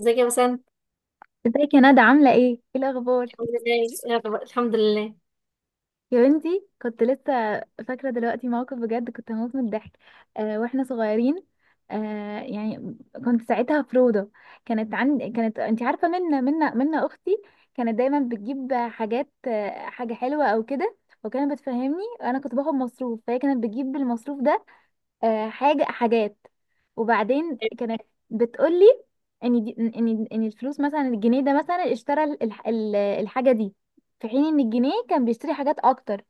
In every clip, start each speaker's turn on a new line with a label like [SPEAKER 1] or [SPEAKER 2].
[SPEAKER 1] ازيك يا بسنت؟
[SPEAKER 2] ازيك يا ندى؟ عاملة ايه؟ ايه الأخبار؟
[SPEAKER 1] الحمد لله يلا، الحمد لله.
[SPEAKER 2] يا بنتي، كنت لسه فاكرة دلوقتي موقف، بجد كنت هموت من الضحك. واحنا صغيرين. آه يعني كنت ساعتها في روضة. كانت عند كانت انت عارفة، منا أختي، كانت دايما بتجيب حاجات، حاجة حلوة أو كده. وكانت بتفهمني، أنا كنت باخد مصروف، فهي كانت بتجيب بالمصروف ده. حاجة حاجات. وبعدين كانت بتقولي ان دي، ان ان الفلوس مثلا، الجنيه ده مثلا اشترى الحاجة دي، في حين ان الجنيه كان بيشتري حاجات اكتر،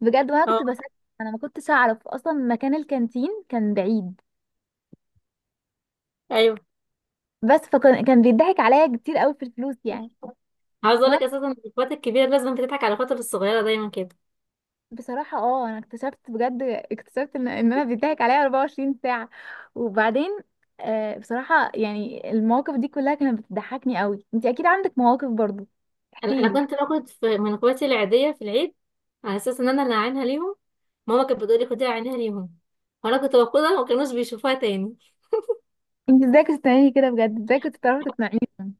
[SPEAKER 2] بجد. وانا كنت
[SPEAKER 1] اه.
[SPEAKER 2] بسكت، انا ما كنتش اعرف اصلا، مكان الكانتين كان بعيد.
[SPEAKER 1] ايوه.
[SPEAKER 2] بس فكان بيضحك عليا كتير قوي في الفلوس يعني.
[SPEAKER 1] عاوز اقول لك اساسا ان اخواتي الكبيره لازم بتضحك على اخواتي الصغيره دايما كده.
[SPEAKER 2] بصراحة انا اكتشفت بجد، ان انا بيضحك عليا 24 ساعة. وبعدين، بصراحة يعني المواقف دي كلها كانت بتضحكني قوي. انت اكيد عندك مواقف برضو،
[SPEAKER 1] انا
[SPEAKER 2] احكي
[SPEAKER 1] انا
[SPEAKER 2] لي.
[SPEAKER 1] كنت باخد في من اخواتي العاديه في العيد، على اساس ان انا اللي عينها ليهم. ماما كانت بتقولي خديها عينها ليهم، وانا كنت باخدها وما كانوش بيشوفوها تاني.
[SPEAKER 2] انت ازاي كنت بتعملي كده؟ بجد ازاي كنت بتعرفي تقنعيهم؟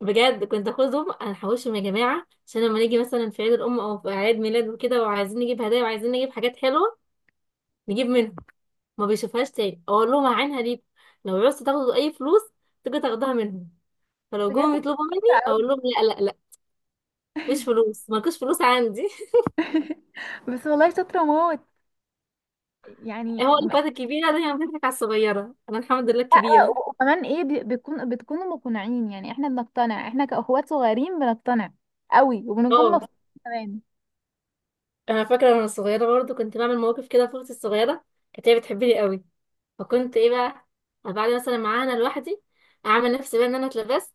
[SPEAKER 1] بجد كنت اخدهم، انا هحوشهم يا جماعه، عشان لما نيجي مثلا في عيد الام او في عيد ميلاد وكده وعايزين نجيب هدايا وعايزين نجيب حاجات حلوه، نجيب منهم. ما بيشوفهاش تاني، اقول لهم عينها ليكم، لو عوزتوا تاخدوا اي فلوس تيجي تاخدوها منهم. فلو
[SPEAKER 2] بجد
[SPEAKER 1] جم يطلبوا مني
[SPEAKER 2] شاطرة قوي.
[SPEAKER 1] اقول لهم لا لا لا، مفيش فلوس، مالكوش فلوس عندي.
[SPEAKER 2] بس والله شاطرة موت يعني.
[SPEAKER 1] هو اللي فاتك كبيره ده، هي فاتك على الصغيره، انا الحمد لله
[SPEAKER 2] لا،
[SPEAKER 1] كبيره.
[SPEAKER 2] وكمان ايه، بي- بيكون بتكونوا مقنعين، يعني احنا بنقتنع، احنا كأخوات صغيرين بنقتنع قوي وبنكون
[SPEAKER 1] اه.
[SPEAKER 2] مبسوطين كمان.
[SPEAKER 1] انا فاكره وانا صغيره برضو كنت بعمل مواقف كده في اختي الصغيره، كانت هي بتحبني قوي. فكنت ايه بقى، بعد مثلا معاها انا لوحدي، اعمل نفسي بقى ان انا اتلبست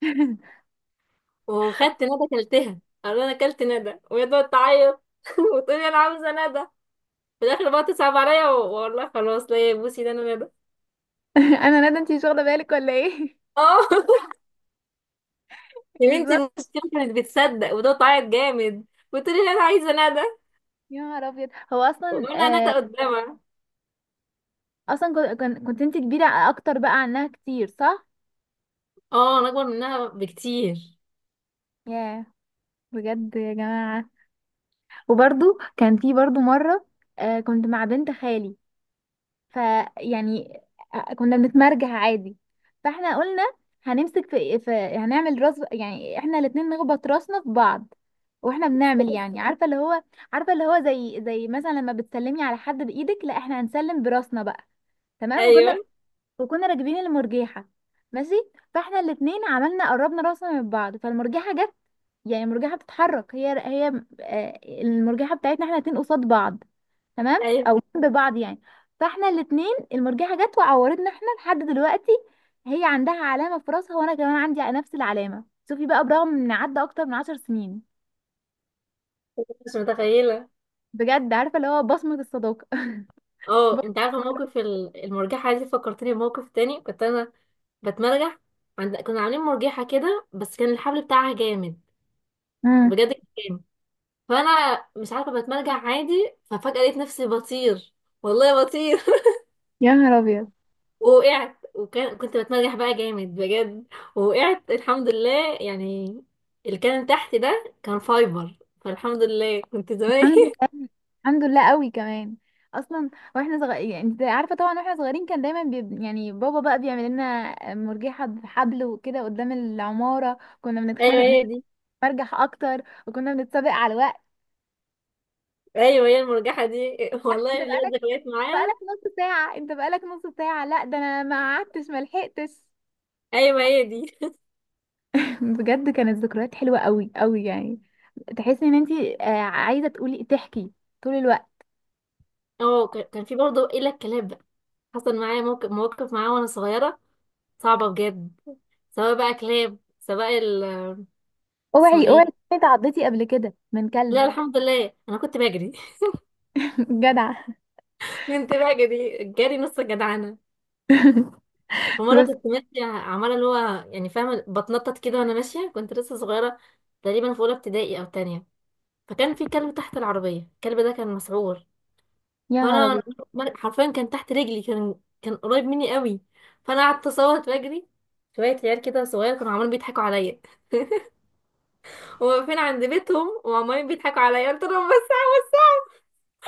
[SPEAKER 1] وخدت ندى كلتها، قالوا لي انا كلت ندى، وهي تقعد تعيط وتقولي انا عاوزه ندى. في الاخر بقى تصعب عليا والله خلاص، لا يا بوسي، ده انا ندى.
[SPEAKER 2] انا ندى، انت مش واخدة بالك ولا ايه؟
[SPEAKER 1] اه. يا بنتي
[SPEAKER 2] بالظبط.
[SPEAKER 1] المشكلة كانت بتصدق، وده تعيط جامد، وتقولي لي انا عايزة ندى،
[SPEAKER 2] يا نهار ابيض، هو اصلا،
[SPEAKER 1] وانا ندى قدامها.
[SPEAKER 2] اصلا كنت انت كبيره اكتر بقى عنها كتير، صح؟
[SPEAKER 1] اه انا اكبر منها بكتير.
[SPEAKER 2] ياه، بجد يا جماعه. وبرضو كان في برضو مره، كنت مع بنت خالي، فيعني كنا بنتمرجح عادي. فاحنا قلنا هنمسك في هنعمل راس، يعني احنا الاتنين نخبط راسنا في بعض. واحنا بنعمل، يعني عارفه اللي هو، زي مثلا لما بتسلمي على حد بايدك، لا احنا هنسلم براسنا بقى. تمام،
[SPEAKER 1] ايوه.
[SPEAKER 2] وكنا راكبين المرجيحة، ماشي. فاحنا الاتنين عملنا، قربنا راسنا من بعض، فالمرجيحة جت، يعني المرجيحة بتتحرك هي، المرجيحة بتاعتنا احنا الاتنين قصاد بعض، تمام،
[SPEAKER 1] ايوه.
[SPEAKER 2] او جنب بعض يعني. فاحنا الاتنين المرجيحة جت وعورتنا، احنا لحد دلوقتي هي عندها علامة في راسها وانا كمان عندي نفس العلامة. شوفي بقى، برغم ان عدى اكتر من 10 سنين،
[SPEAKER 1] مش متخيلة.
[SPEAKER 2] بجد، عارفة اللي هو بصمة الصداقة.
[SPEAKER 1] اه. انت عارفة موقف المرجحة دي؟ فكرتني بموقف تاني، كنت انا بتمرجح، عند كنا عاملين مرجحة كده، بس كان الحبل بتاعها جامد.
[SPEAKER 2] امم.
[SPEAKER 1] بجد كان جامد. فانا مش عارفة، بتمرجح عادي، ففجأة لقيت نفسي بطير، والله بطير.
[SPEAKER 2] يا نهار ابيض.
[SPEAKER 1] ووقعت. كنت بتمرجح بقى جامد بجد، ووقعت الحمد لله يعني. اللي كان تحت ده كان فايبر، فالحمد لله كنت زمان.
[SPEAKER 2] الحمد لله قوي كمان. اصلا واحنا صغيرين، يعني انت عارفه طبعا، واحنا صغيرين كان دايما يعني بابا بقى بيعمل لنا مرجحه بحبل وكده قدام العماره، كنا
[SPEAKER 1] ايوه
[SPEAKER 2] بنتخانق
[SPEAKER 1] هي دي.
[SPEAKER 2] نرجح اكتر، وكنا بنتسابق على الوقت.
[SPEAKER 1] ايوه هي المرجحه دي.
[SPEAKER 2] انت
[SPEAKER 1] والله ليا
[SPEAKER 2] بقالك،
[SPEAKER 1] ذكريات معاها.
[SPEAKER 2] نص ساعه، انت بقالك نص ساعه، لا ده انا ما قعدتش ما لحقتش.
[SPEAKER 1] ايوه هي دي.
[SPEAKER 2] بجد كانت ذكريات حلوه قوي قوي يعني. تحسي ان انت، عايزه تقولي، تحكي طول الوقت.
[SPEAKER 1] اه. كان في برضه الا الكلاب بقى، حصل معايا موقف مواقف معاه وانا صغيره، صعبه بجد، سواء بقى كلاب، سواء ال، اسمه
[SPEAKER 2] اوعي اوعي
[SPEAKER 1] ايه.
[SPEAKER 2] تكوني اتعضيتي قبل كده من كلب؟
[SPEAKER 1] لا الحمد لله، انا كنت بجري.
[SPEAKER 2] جدع.
[SPEAKER 1] كنت بجري جري نص جدعنه. فمرة
[SPEAKER 2] بس.
[SPEAKER 1] كنت ماشية عمالة اللي هو يعني فاهمة بتنطط كده، وأنا ماشية، كنت لسه صغيرة، تقريبا في أولى ابتدائي أو تانية. فكان في كلب تحت العربية، الكلب ده كان مسعور.
[SPEAKER 2] يا
[SPEAKER 1] فأنا
[SPEAKER 2] عربي.
[SPEAKER 1] حرفيا كان تحت رجلي، كان قريب مني قوي. فأنا قعدت أصوت وأجري، شوية عيال كده صغيرة كانوا عمالين بيضحكوا عليا، وواقفين عند بيتهم وعمالين بيضحكوا عليا، قلت لهم بس.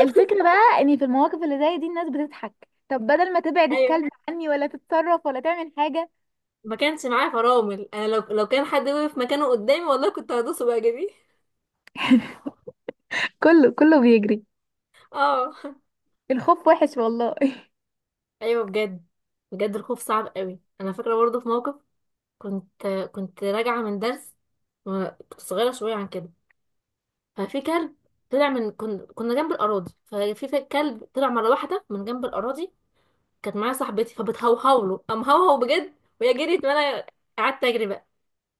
[SPEAKER 2] الفكرة بقى ان في المواقف اللي زي دي الناس بتضحك، طب بدل ما تبعد
[SPEAKER 1] أيوه.
[SPEAKER 2] الكلب عني ولا تتصرف ولا تعمل حاجة.
[SPEAKER 1] ما كانش معايا فرامل، أنا لو كان حد وقف مكانه قدامي والله كنت هدوسه بقى جدي.
[SPEAKER 2] كله كله بيجري.
[SPEAKER 1] اه
[SPEAKER 2] الخوف وحش والله.
[SPEAKER 1] ايوه بجد. بجد الخوف صعب قوي. انا فاكره برضه في موقف، كنت راجعه من درس، كنت صغيره شويه عن كده. ففي كلب طلع من كنا جنب الاراضي، ففي كلب طلع مره واحده من جنب الاراضي. كانت معايا صاحبتي فبتهوهو له، قام هوهو بجد، وهي جريت، وانا قعدت اجري بقى.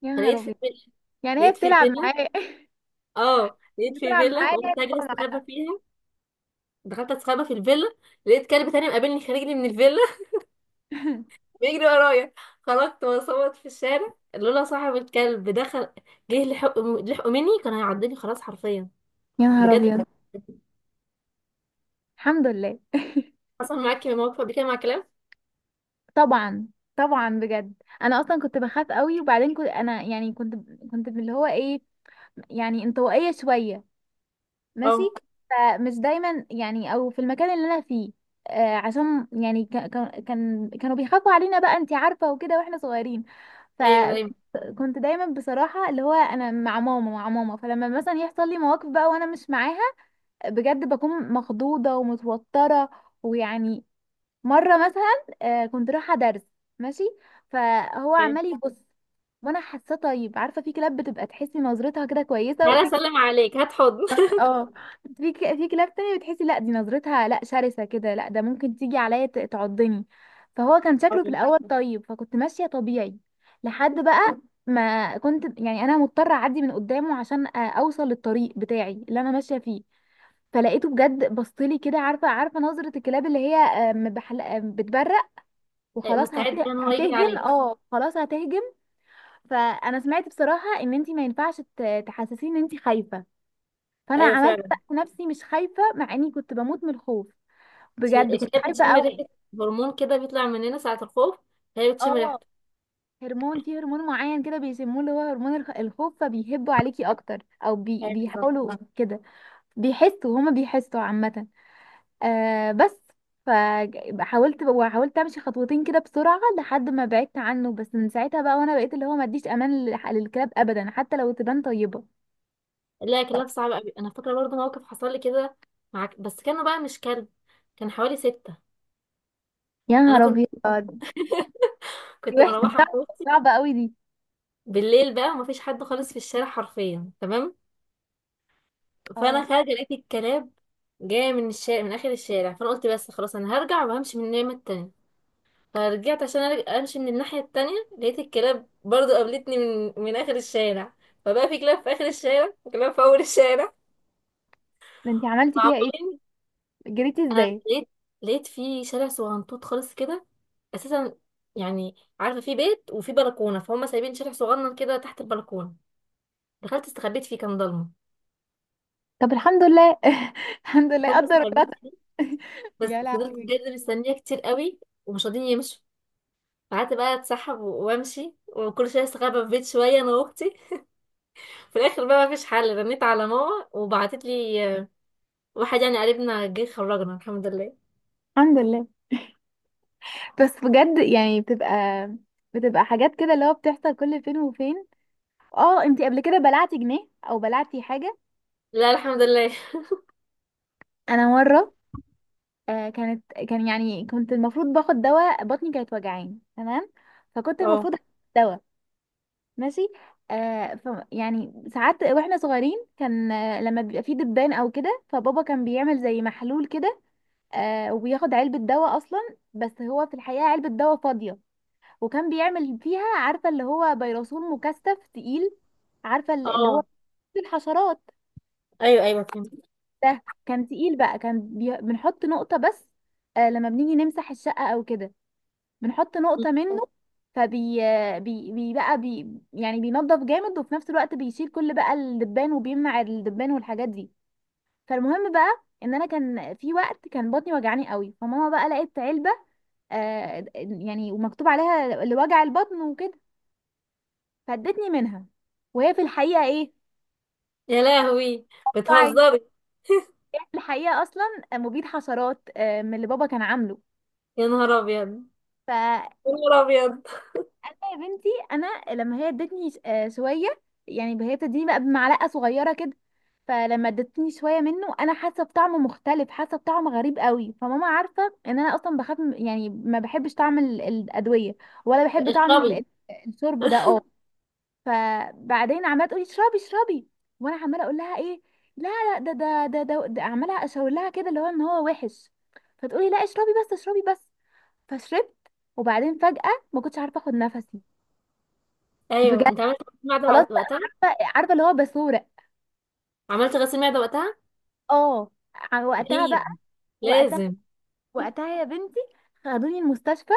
[SPEAKER 2] يا
[SPEAKER 1] فلقيت
[SPEAKER 2] نهار
[SPEAKER 1] في
[SPEAKER 2] ابيض.
[SPEAKER 1] فيلا
[SPEAKER 2] يعني هي
[SPEAKER 1] لقيت في
[SPEAKER 2] بتلعب
[SPEAKER 1] فيلا
[SPEAKER 2] معاه؟
[SPEAKER 1] اه لقيت في
[SPEAKER 2] بتلعب
[SPEAKER 1] فيلا،
[SPEAKER 2] معاه، هي
[SPEAKER 1] فقلت اجري
[SPEAKER 2] بتلعب
[SPEAKER 1] استخبى
[SPEAKER 2] معاه.
[SPEAKER 1] فيها. دخلت استخبى في الفيلا، لقيت كلب تاني مقابلني، خارجني من الفيلا، بيجري ورايا. خرجت بصوت في الشارع، لولا صاحب الكلب دخل، جه لحقه مني، كان هيعضني خلاص حرفيا،
[SPEAKER 2] يا نهار
[SPEAKER 1] بجد.
[SPEAKER 2] ابيض. الحمد لله.
[SPEAKER 1] حصل معاكي موقف قبل كده مع كلام؟
[SPEAKER 2] طبعا، طبعا، بجد. انا اصلا كنت بخاف قوي. وبعدين كنت انا يعني، كنت اللي هو ايه، يعني انطوائية شوية،
[SPEAKER 1] اه
[SPEAKER 2] ماشي. فمش دايما يعني، او في المكان اللي انا فيه. عشان يعني كانوا بيخافوا علينا بقى، انت عارفه وكده، واحنا صغيرين.
[SPEAKER 1] ايوه دايما.
[SPEAKER 2] فكنت دايما بصراحه، اللي هو، انا مع ماما مع ماما. فلما مثلا يحصل لي مواقف بقى وانا مش معاها، بجد بكون مخضوضه ومتوتره، ويعني مره مثلا، كنت رايحه درس، ماشي، فهو
[SPEAKER 1] دايما،
[SPEAKER 2] عمال يبص، وانا حاساه طيب. عارفه في كلاب بتبقى تحسي نظرتها كده كويسه،
[SPEAKER 1] تعالى
[SPEAKER 2] وفي،
[SPEAKER 1] اسلم عليك هات حضن.
[SPEAKER 2] اه، في في كلاب تانية بتحسي لا، دي نظرتها لا شرسة كده، لا ده ممكن تيجي عليا تعضني. فهو كان
[SPEAKER 1] آه.
[SPEAKER 2] شكله في الأول طيب، فكنت ماشية طبيعي لحد بقى ما كنت يعني، أنا مضطرة أعدي من قدامه عشان أوصل للطريق بتاعي اللي أنا ماشية فيه. فلقيته بجد بصلي كده، عارفة نظرة الكلاب اللي هي، بتبرق، وخلاص
[SPEAKER 1] مستعد ان هو يجري
[SPEAKER 2] هتهجم،
[SPEAKER 1] عليك.
[SPEAKER 2] اه خلاص هتهجم. فأنا سمعت بصراحة إن انتي ما ينفعش تحسسيه إن انتي خايفة، فانا
[SPEAKER 1] ايوه
[SPEAKER 2] عملت
[SPEAKER 1] فعلا.
[SPEAKER 2] بقى نفسي مش خايفه مع اني كنت بموت من الخوف، بجد كنت
[SPEAKER 1] الكلاب
[SPEAKER 2] خايفه
[SPEAKER 1] بتشم
[SPEAKER 2] قوي.
[SPEAKER 1] ريحه، هرمون كده بيطلع مننا ساعه الخوف، فهي بتشم
[SPEAKER 2] اه،
[SPEAKER 1] ريحته.
[SPEAKER 2] في هرمون معين كده بيسموه، اللي هو هرمون الخوف، فبيهبوا عليكي اكتر، او
[SPEAKER 1] ايوه بالظبط.
[SPEAKER 2] بيحاولوا كده. هما بيحسوا عامه. بس. فحاولت وحاولت امشي خطوتين كده بسرعه لحد ما بعدت عنه، بس من ساعتها بقى وانا بقيت اللي هو ما اديش امان للكلاب ابدا، حتى لو تبان طيبه.
[SPEAKER 1] لا، كلاب صعبه قوي. انا فاكره برضه موقف حصل لي كده معاك، بس كانوا بقى مش كلب، كان حوالي ستة.
[SPEAKER 2] يا
[SPEAKER 1] أنا
[SPEAKER 2] نهار
[SPEAKER 1] كنت
[SPEAKER 2] ابيض. دي
[SPEAKER 1] كنت
[SPEAKER 2] وحشه
[SPEAKER 1] مروحة
[SPEAKER 2] صعبه، صعبه قوي دي.
[SPEAKER 1] بالليل بقى، مفيش حد خالص في الشارع حرفيا، تمام.
[SPEAKER 2] اه،
[SPEAKER 1] فانا خارجه لقيت الكلاب جايه من الشارع، من اخر الشارع، فانا قلت بس خلاص انا هرجع وهمشي من الناحيه التانية. فرجعت عشان امشي من الناحيه التانية، لقيت الكلاب برضو قابلتني من اخر الشارع. فبقى في كلاب في اخر الشارع، وكلاب في اول الشارع.
[SPEAKER 2] ده انتي عملتي فيها ايه؟
[SPEAKER 1] معقولين؟
[SPEAKER 2] جريتي
[SPEAKER 1] انا
[SPEAKER 2] ازاي؟
[SPEAKER 1] لقيت في شارع صغنطوط خالص كده اساسا، يعني عارفه في بيت وفي بلكونه، فهم سايبين شارع صغنن كده تحت البلكونه. دخلت استخبيت فيه، كان ضلمه.
[SPEAKER 2] طب الحمد لله. الحمد لله،
[SPEAKER 1] دخلت
[SPEAKER 2] قدر الله.
[SPEAKER 1] استخبيت، بس
[SPEAKER 2] يا
[SPEAKER 1] فضلت
[SPEAKER 2] لهوي.
[SPEAKER 1] بجد مستنيه كتير قوي، ومش راضيين يمشوا. قعدت بقى اتسحب وامشي، وكل شويه استخبى في بيت شويه انا واختي. في الاخر بقى مفيش حل، رنيت على ماما وبعتت لي، واحد يعني قريبنا جه، خرجنا الحمد لله.
[SPEAKER 2] الحمد لله. بس بجد يعني، بتبقى حاجات كده اللي هو بتحصل كل فين وفين. اه، انتي قبل كده بلعتي جنيه او بلعتي حاجة؟
[SPEAKER 1] لا الحمد لله.
[SPEAKER 2] انا مرة، كانت كان يعني كنت المفروض باخد دواء، بطني كانت وجعاني، تمام، فكنت
[SPEAKER 1] اه.
[SPEAKER 2] المفروض آخد دواء، ماشي. آه ف يعني ساعات واحنا صغيرين كان، لما بيبقى فيه دبان او كده فبابا كان بيعمل زي محلول كده، وبياخد علبة دواء أصلا، بس هو في الحقيقة علبة دواء فاضية. وكان بيعمل فيها، عارفة اللي هو، بيروسول مكثف تقيل، عارفة اللي هو
[SPEAKER 1] اه.
[SPEAKER 2] الحشرات
[SPEAKER 1] ايوه ايوه فهمت.
[SPEAKER 2] ده. كان تقيل بقى، كان بنحط نقطة بس، لما بنيجي نمسح الشقة أو كده بنحط نقطة منه، فبي بي... بي بقى بي... يعني بينضف جامد وفي نفس الوقت بيشيل كل بقى الدبان وبيمنع الدبان والحاجات دي. فالمهم بقى ان انا كان في وقت كان بطني وجعاني قوي، فماما بقى لقيت علبه، يعني ومكتوب عليها لوجع البطن وكده، فادتني منها، وهي في الحقيقه ايه؟
[SPEAKER 1] يا لهوي،
[SPEAKER 2] طعي.
[SPEAKER 1] بتهزري؟
[SPEAKER 2] هي في الحقيقه اصلا مبيد حشرات، من اللي بابا كان عامله.
[SPEAKER 1] يا نهار ابيض. يا نهار ابيض.
[SPEAKER 2] انا يا بنتي، لما هي ادتني شويه، يعني هي بتديني بقى بمعلقه صغيره كده، فلما ادتني شويه منه انا حاسه بطعم مختلف، حاسه بطعم غريب قوي. فماما عارفه ان انا اصلا بخاف يعني ما بحبش طعم الادويه، ولا بحب طعم
[SPEAKER 1] اشربي.
[SPEAKER 2] الشرب ده، اه. فبعدين عماله تقولي اشربي اشربي، وانا عماله اقول لها ايه، لا لا ده, عماله اشاور لها كده اللي هو ان هو وحش، فتقولي لا، اشربي بس، اشربي بس. فشربت، وبعدين فجأة ما كنتش عارفه اخد نفسي،
[SPEAKER 1] ايوه
[SPEAKER 2] بجد
[SPEAKER 1] انت عملت غسيل معده
[SPEAKER 2] خلاص بقى،
[SPEAKER 1] وقتها؟
[SPEAKER 2] عارفه اللي هو باسوره.
[SPEAKER 1] عملت غسيل معده وقتها.
[SPEAKER 2] اه وقتها بقى،
[SPEAKER 1] اكيد.
[SPEAKER 2] وقتها،
[SPEAKER 1] لازم.
[SPEAKER 2] وقتها يا بنتي خدوني المستشفى.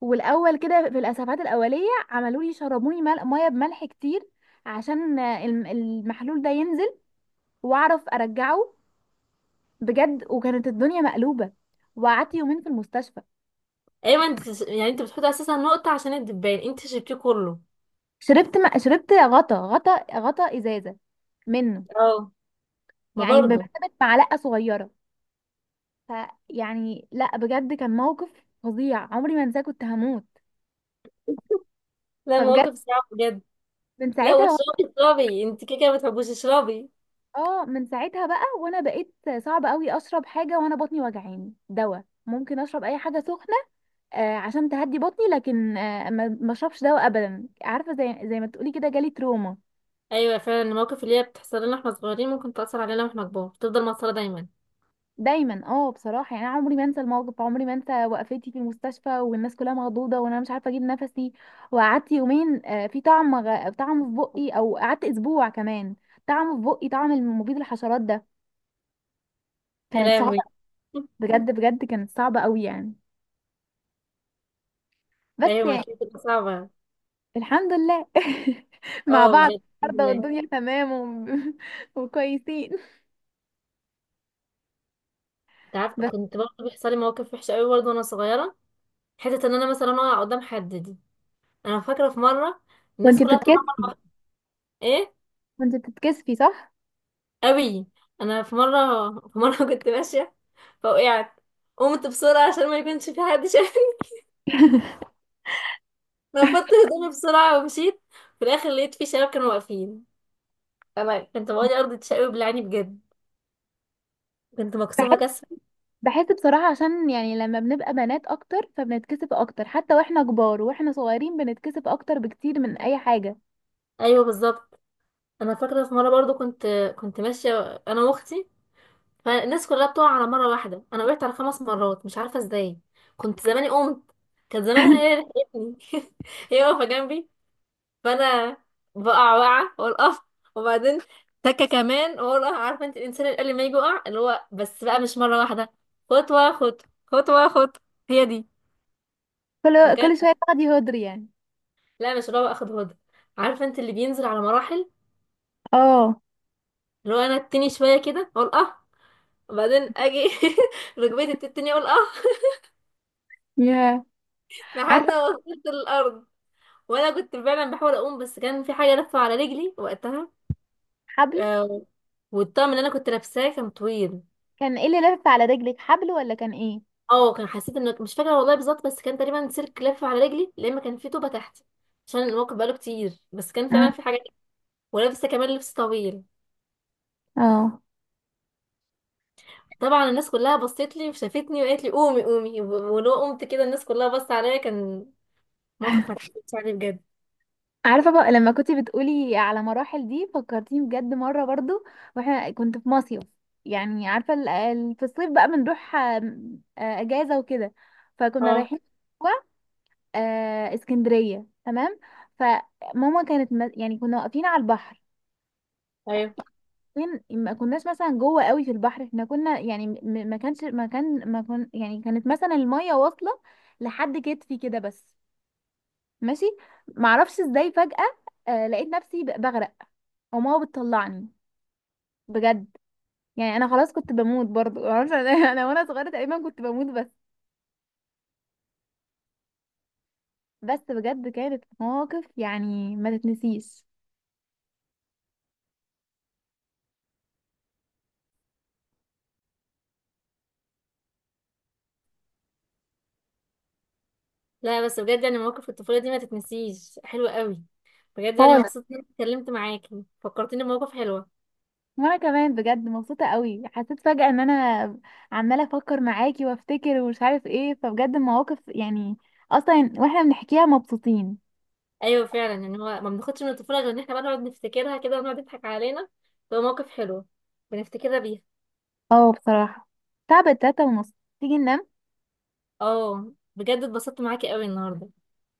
[SPEAKER 2] والاول كده في الاسعافات الاوليه عملوا لي، شربوني ميه بملح كتير، عشان المحلول ده ينزل واعرف ارجعه، بجد. وكانت الدنيا مقلوبه، وقعدت يومين في المستشفى.
[SPEAKER 1] ايوه. انت يعني انت بتحط اساسا نقطة عشان الدبان، انت شربتيه كله؟
[SPEAKER 2] شربت غطا غطا غطا ازازه منه،
[SPEAKER 1] اه. ما
[SPEAKER 2] يعني
[SPEAKER 1] برضه.
[SPEAKER 2] بمثابه معلقه صغيره. فيعني لا، بجد كان موقف فظيع عمري ما انساه، كنت هموت.
[SPEAKER 1] لا،
[SPEAKER 2] فبجد
[SPEAKER 1] مواقف صعبة بجد.
[SPEAKER 2] من
[SPEAKER 1] لا
[SPEAKER 2] ساعتها و...
[SPEAKER 1] واشربي اشربي انت، كده كده ما بتحبوش اشربي.
[SPEAKER 2] اه من ساعتها بقى وانا بقيت صعب قوي اشرب حاجه وانا بطني وجعاني، دواء. ممكن اشرب اي حاجه سخنه، عشان تهدي بطني، لكن ما اشربش دواء ابدا، عارفه زي ما تقولي كده جالي تروما
[SPEAKER 1] ايوه فعلا. المواقف اللي هي بتحصل لنا واحنا صغيرين ممكن تأثر علينا واحنا كبار، تفضل مأثرة دايما.
[SPEAKER 2] دايما. اه، بصراحه يعني انا عمري ما انسى الموقف، عمري ما انسى وقفتي في المستشفى والناس كلها مخضوضه وانا مش عارفه اجيب نفسي. وقعدت يومين، في طعم طعم في بقي، او قعدت اسبوع كمان، طعم في بقي، طعم المبيد الحشرات ده.
[SPEAKER 1] يا
[SPEAKER 2] كانت صعبه،
[SPEAKER 1] لهوي.
[SPEAKER 2] بجد بجد كانت صعبه قوي يعني. بس
[SPEAKER 1] ايوه ما
[SPEAKER 2] يعني
[SPEAKER 1] اكيد بتبقى صعبة.
[SPEAKER 2] الحمد لله. مع
[SPEAKER 1] اه
[SPEAKER 2] بعض
[SPEAKER 1] بجد. الحمد
[SPEAKER 2] النهارده،
[SPEAKER 1] لله.
[SPEAKER 2] والدنيا تمام وكويسين.
[SPEAKER 1] انت عارفة
[SPEAKER 2] بس،
[SPEAKER 1] كنت برضه بيحصل لي مواقف وحشة قوي برضه وانا صغيرة، حتة ان انا مثلا اقع قدام حد دي. انا فاكرة في مرة، الناس
[SPEAKER 2] وانت
[SPEAKER 1] كلها بتقع.
[SPEAKER 2] بتتكسفي
[SPEAKER 1] ايه؟
[SPEAKER 2] وانت بتتكسفي، صح؟
[SPEAKER 1] قوي. انا في مره كنت ماشيه فوقعت، قمت بسرعه عشان ما يكونش في حد شايفني، نفضت هدومي بسرعه ومشيت. في الاخر لقيت في شباب كانوا واقفين. انا كنت بقولي ارض تشقلب بالعاني بجد، كنت مكسوفه
[SPEAKER 2] بحس
[SPEAKER 1] كسر.
[SPEAKER 2] بحس بصراحة، عشان يعني لما بنبقى بنات اكتر فبنتكسف اكتر، حتى واحنا كبار، واحنا صغيرين بنتكسف اكتر بكتير من اي حاجة.
[SPEAKER 1] ايوه بالظبط. انا فاكره في مره برضو، كنت ماشيه انا واختي، فالناس كلها بتقع على مره واحده، انا وقعت على 5 مرات مش عارفه ازاي، كنت زماني قمت، كانت زمانها هي اللي لحقتني. هي واقفه جنبي، فانا بقع وقعه واقول اه، وبعدين تكه كمان واقول اه، عارفه انت الانسان اللي قبل ما يجي يقع اللي هو بس بقى مش مره واحده، خطوه خطوه خطوه خطوه، هي دي.
[SPEAKER 2] كل
[SPEAKER 1] فكان،
[SPEAKER 2] كل شوية تاخدي هدري يعني.
[SPEAKER 1] لا مش اللي هو اخد هدى، عارفه انت اللي بينزل على مراحل،
[SPEAKER 2] اه،
[SPEAKER 1] اللي هو انا التاني شويه كده اقول اه، وبعدين اجي ركبتي بتتني اقول اه،
[SPEAKER 2] يا
[SPEAKER 1] لحد
[SPEAKER 2] عارفة،
[SPEAKER 1] ما وصلت للارض. وانا كنت فعلا بحاول اقوم، بس كان في حاجه لفه على رجلي وقتها.
[SPEAKER 2] حبل؟
[SPEAKER 1] آه، والطقم اللي انا كنت لابساه كان طويل.
[SPEAKER 2] كان ايه اللي لف على رجلك، حبل ولا كان ايه؟
[SPEAKER 1] اه، كان حسيت ان مش فاكره والله بالظبط، بس كان تقريبا سلك لف على رجلي لما كان في طوبه تحتي، عشان الموقف بقاله كتير، بس كان فعلا
[SPEAKER 2] مم.
[SPEAKER 1] في حاجه. ولابسه كمان لبس طويل.
[SPEAKER 2] اه،
[SPEAKER 1] طبعا الناس كلها بصت لي وشافتني وقالت لي قومي قومي، ولو قمت كده الناس كلها بصت عليا، كان موقف ما اتحكيتش عليه بجد.
[SPEAKER 2] عارفة بقى لما كنت بتقولي على مراحل دي، فكرتيني بجد مرة برضو، واحنا كنت في مصيف، يعني عارفة في الصيف بقى بنروح آم، آه، أجازة وكده، فكنا
[SPEAKER 1] اه
[SPEAKER 2] رايحين و- اسكندرية، تمام. فماما كانت يعني كنا واقفين على البحر،
[SPEAKER 1] ايوه.
[SPEAKER 2] فين، ما كناش مثلا جوه قوي في البحر، احنا كنا يعني، م- ما كانش ما كان ما كن يعني كانت مثلا المية واصلة لحد كتفي كده بس، ماشي. معرفش ازاي فجأة لقيت نفسي بغرق، وماما بتطلعني، بجد. يعني انا خلاص كنت بموت برضو، معرفش انا. أنا وانا صغيرة تقريبا كنت بموت، بس. بس بجد كانت مواقف يعني ما تتنسيش.
[SPEAKER 1] لا بس بجد يعني مواقف الطفوله دي ما تتنسيش، حلوه قوي بجد يعني،
[SPEAKER 2] خالص.
[SPEAKER 1] مبسوطه اني اتكلمت معاكي، فكرتيني بمواقف حلوه.
[SPEAKER 2] وانا كمان بجد مبسوطة قوي، حسيت فجأة ان انا عمالة افكر معاكي وافتكر ومش عارف ايه. فبجد المواقف يعني، اصلا واحنا بنحكيها مبسوطين.
[SPEAKER 1] ايوه فعلا، ان هو ما بناخدش من الطفوله غير ان احنا بقى نقعد نفتكرها كده ونقعد نضحك علينا، تبقى مواقف حلوه بنفتكرها بيها.
[SPEAKER 2] اه بصراحة تعبت، 3:30، تيجي ننام؟
[SPEAKER 1] اه بجد اتبسطت معاكي قوي النهارده،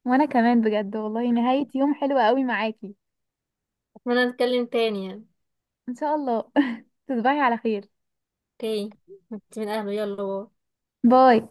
[SPEAKER 2] وانا كمان بجد والله نهاية يوم حلوة قوي معاكي.
[SPEAKER 1] اتمنى نتكلم تاني يعني.
[SPEAKER 2] ان شاء الله. تصبحي على خير.
[SPEAKER 1] اوكي. انت من اهله، يلا باي.
[SPEAKER 2] باي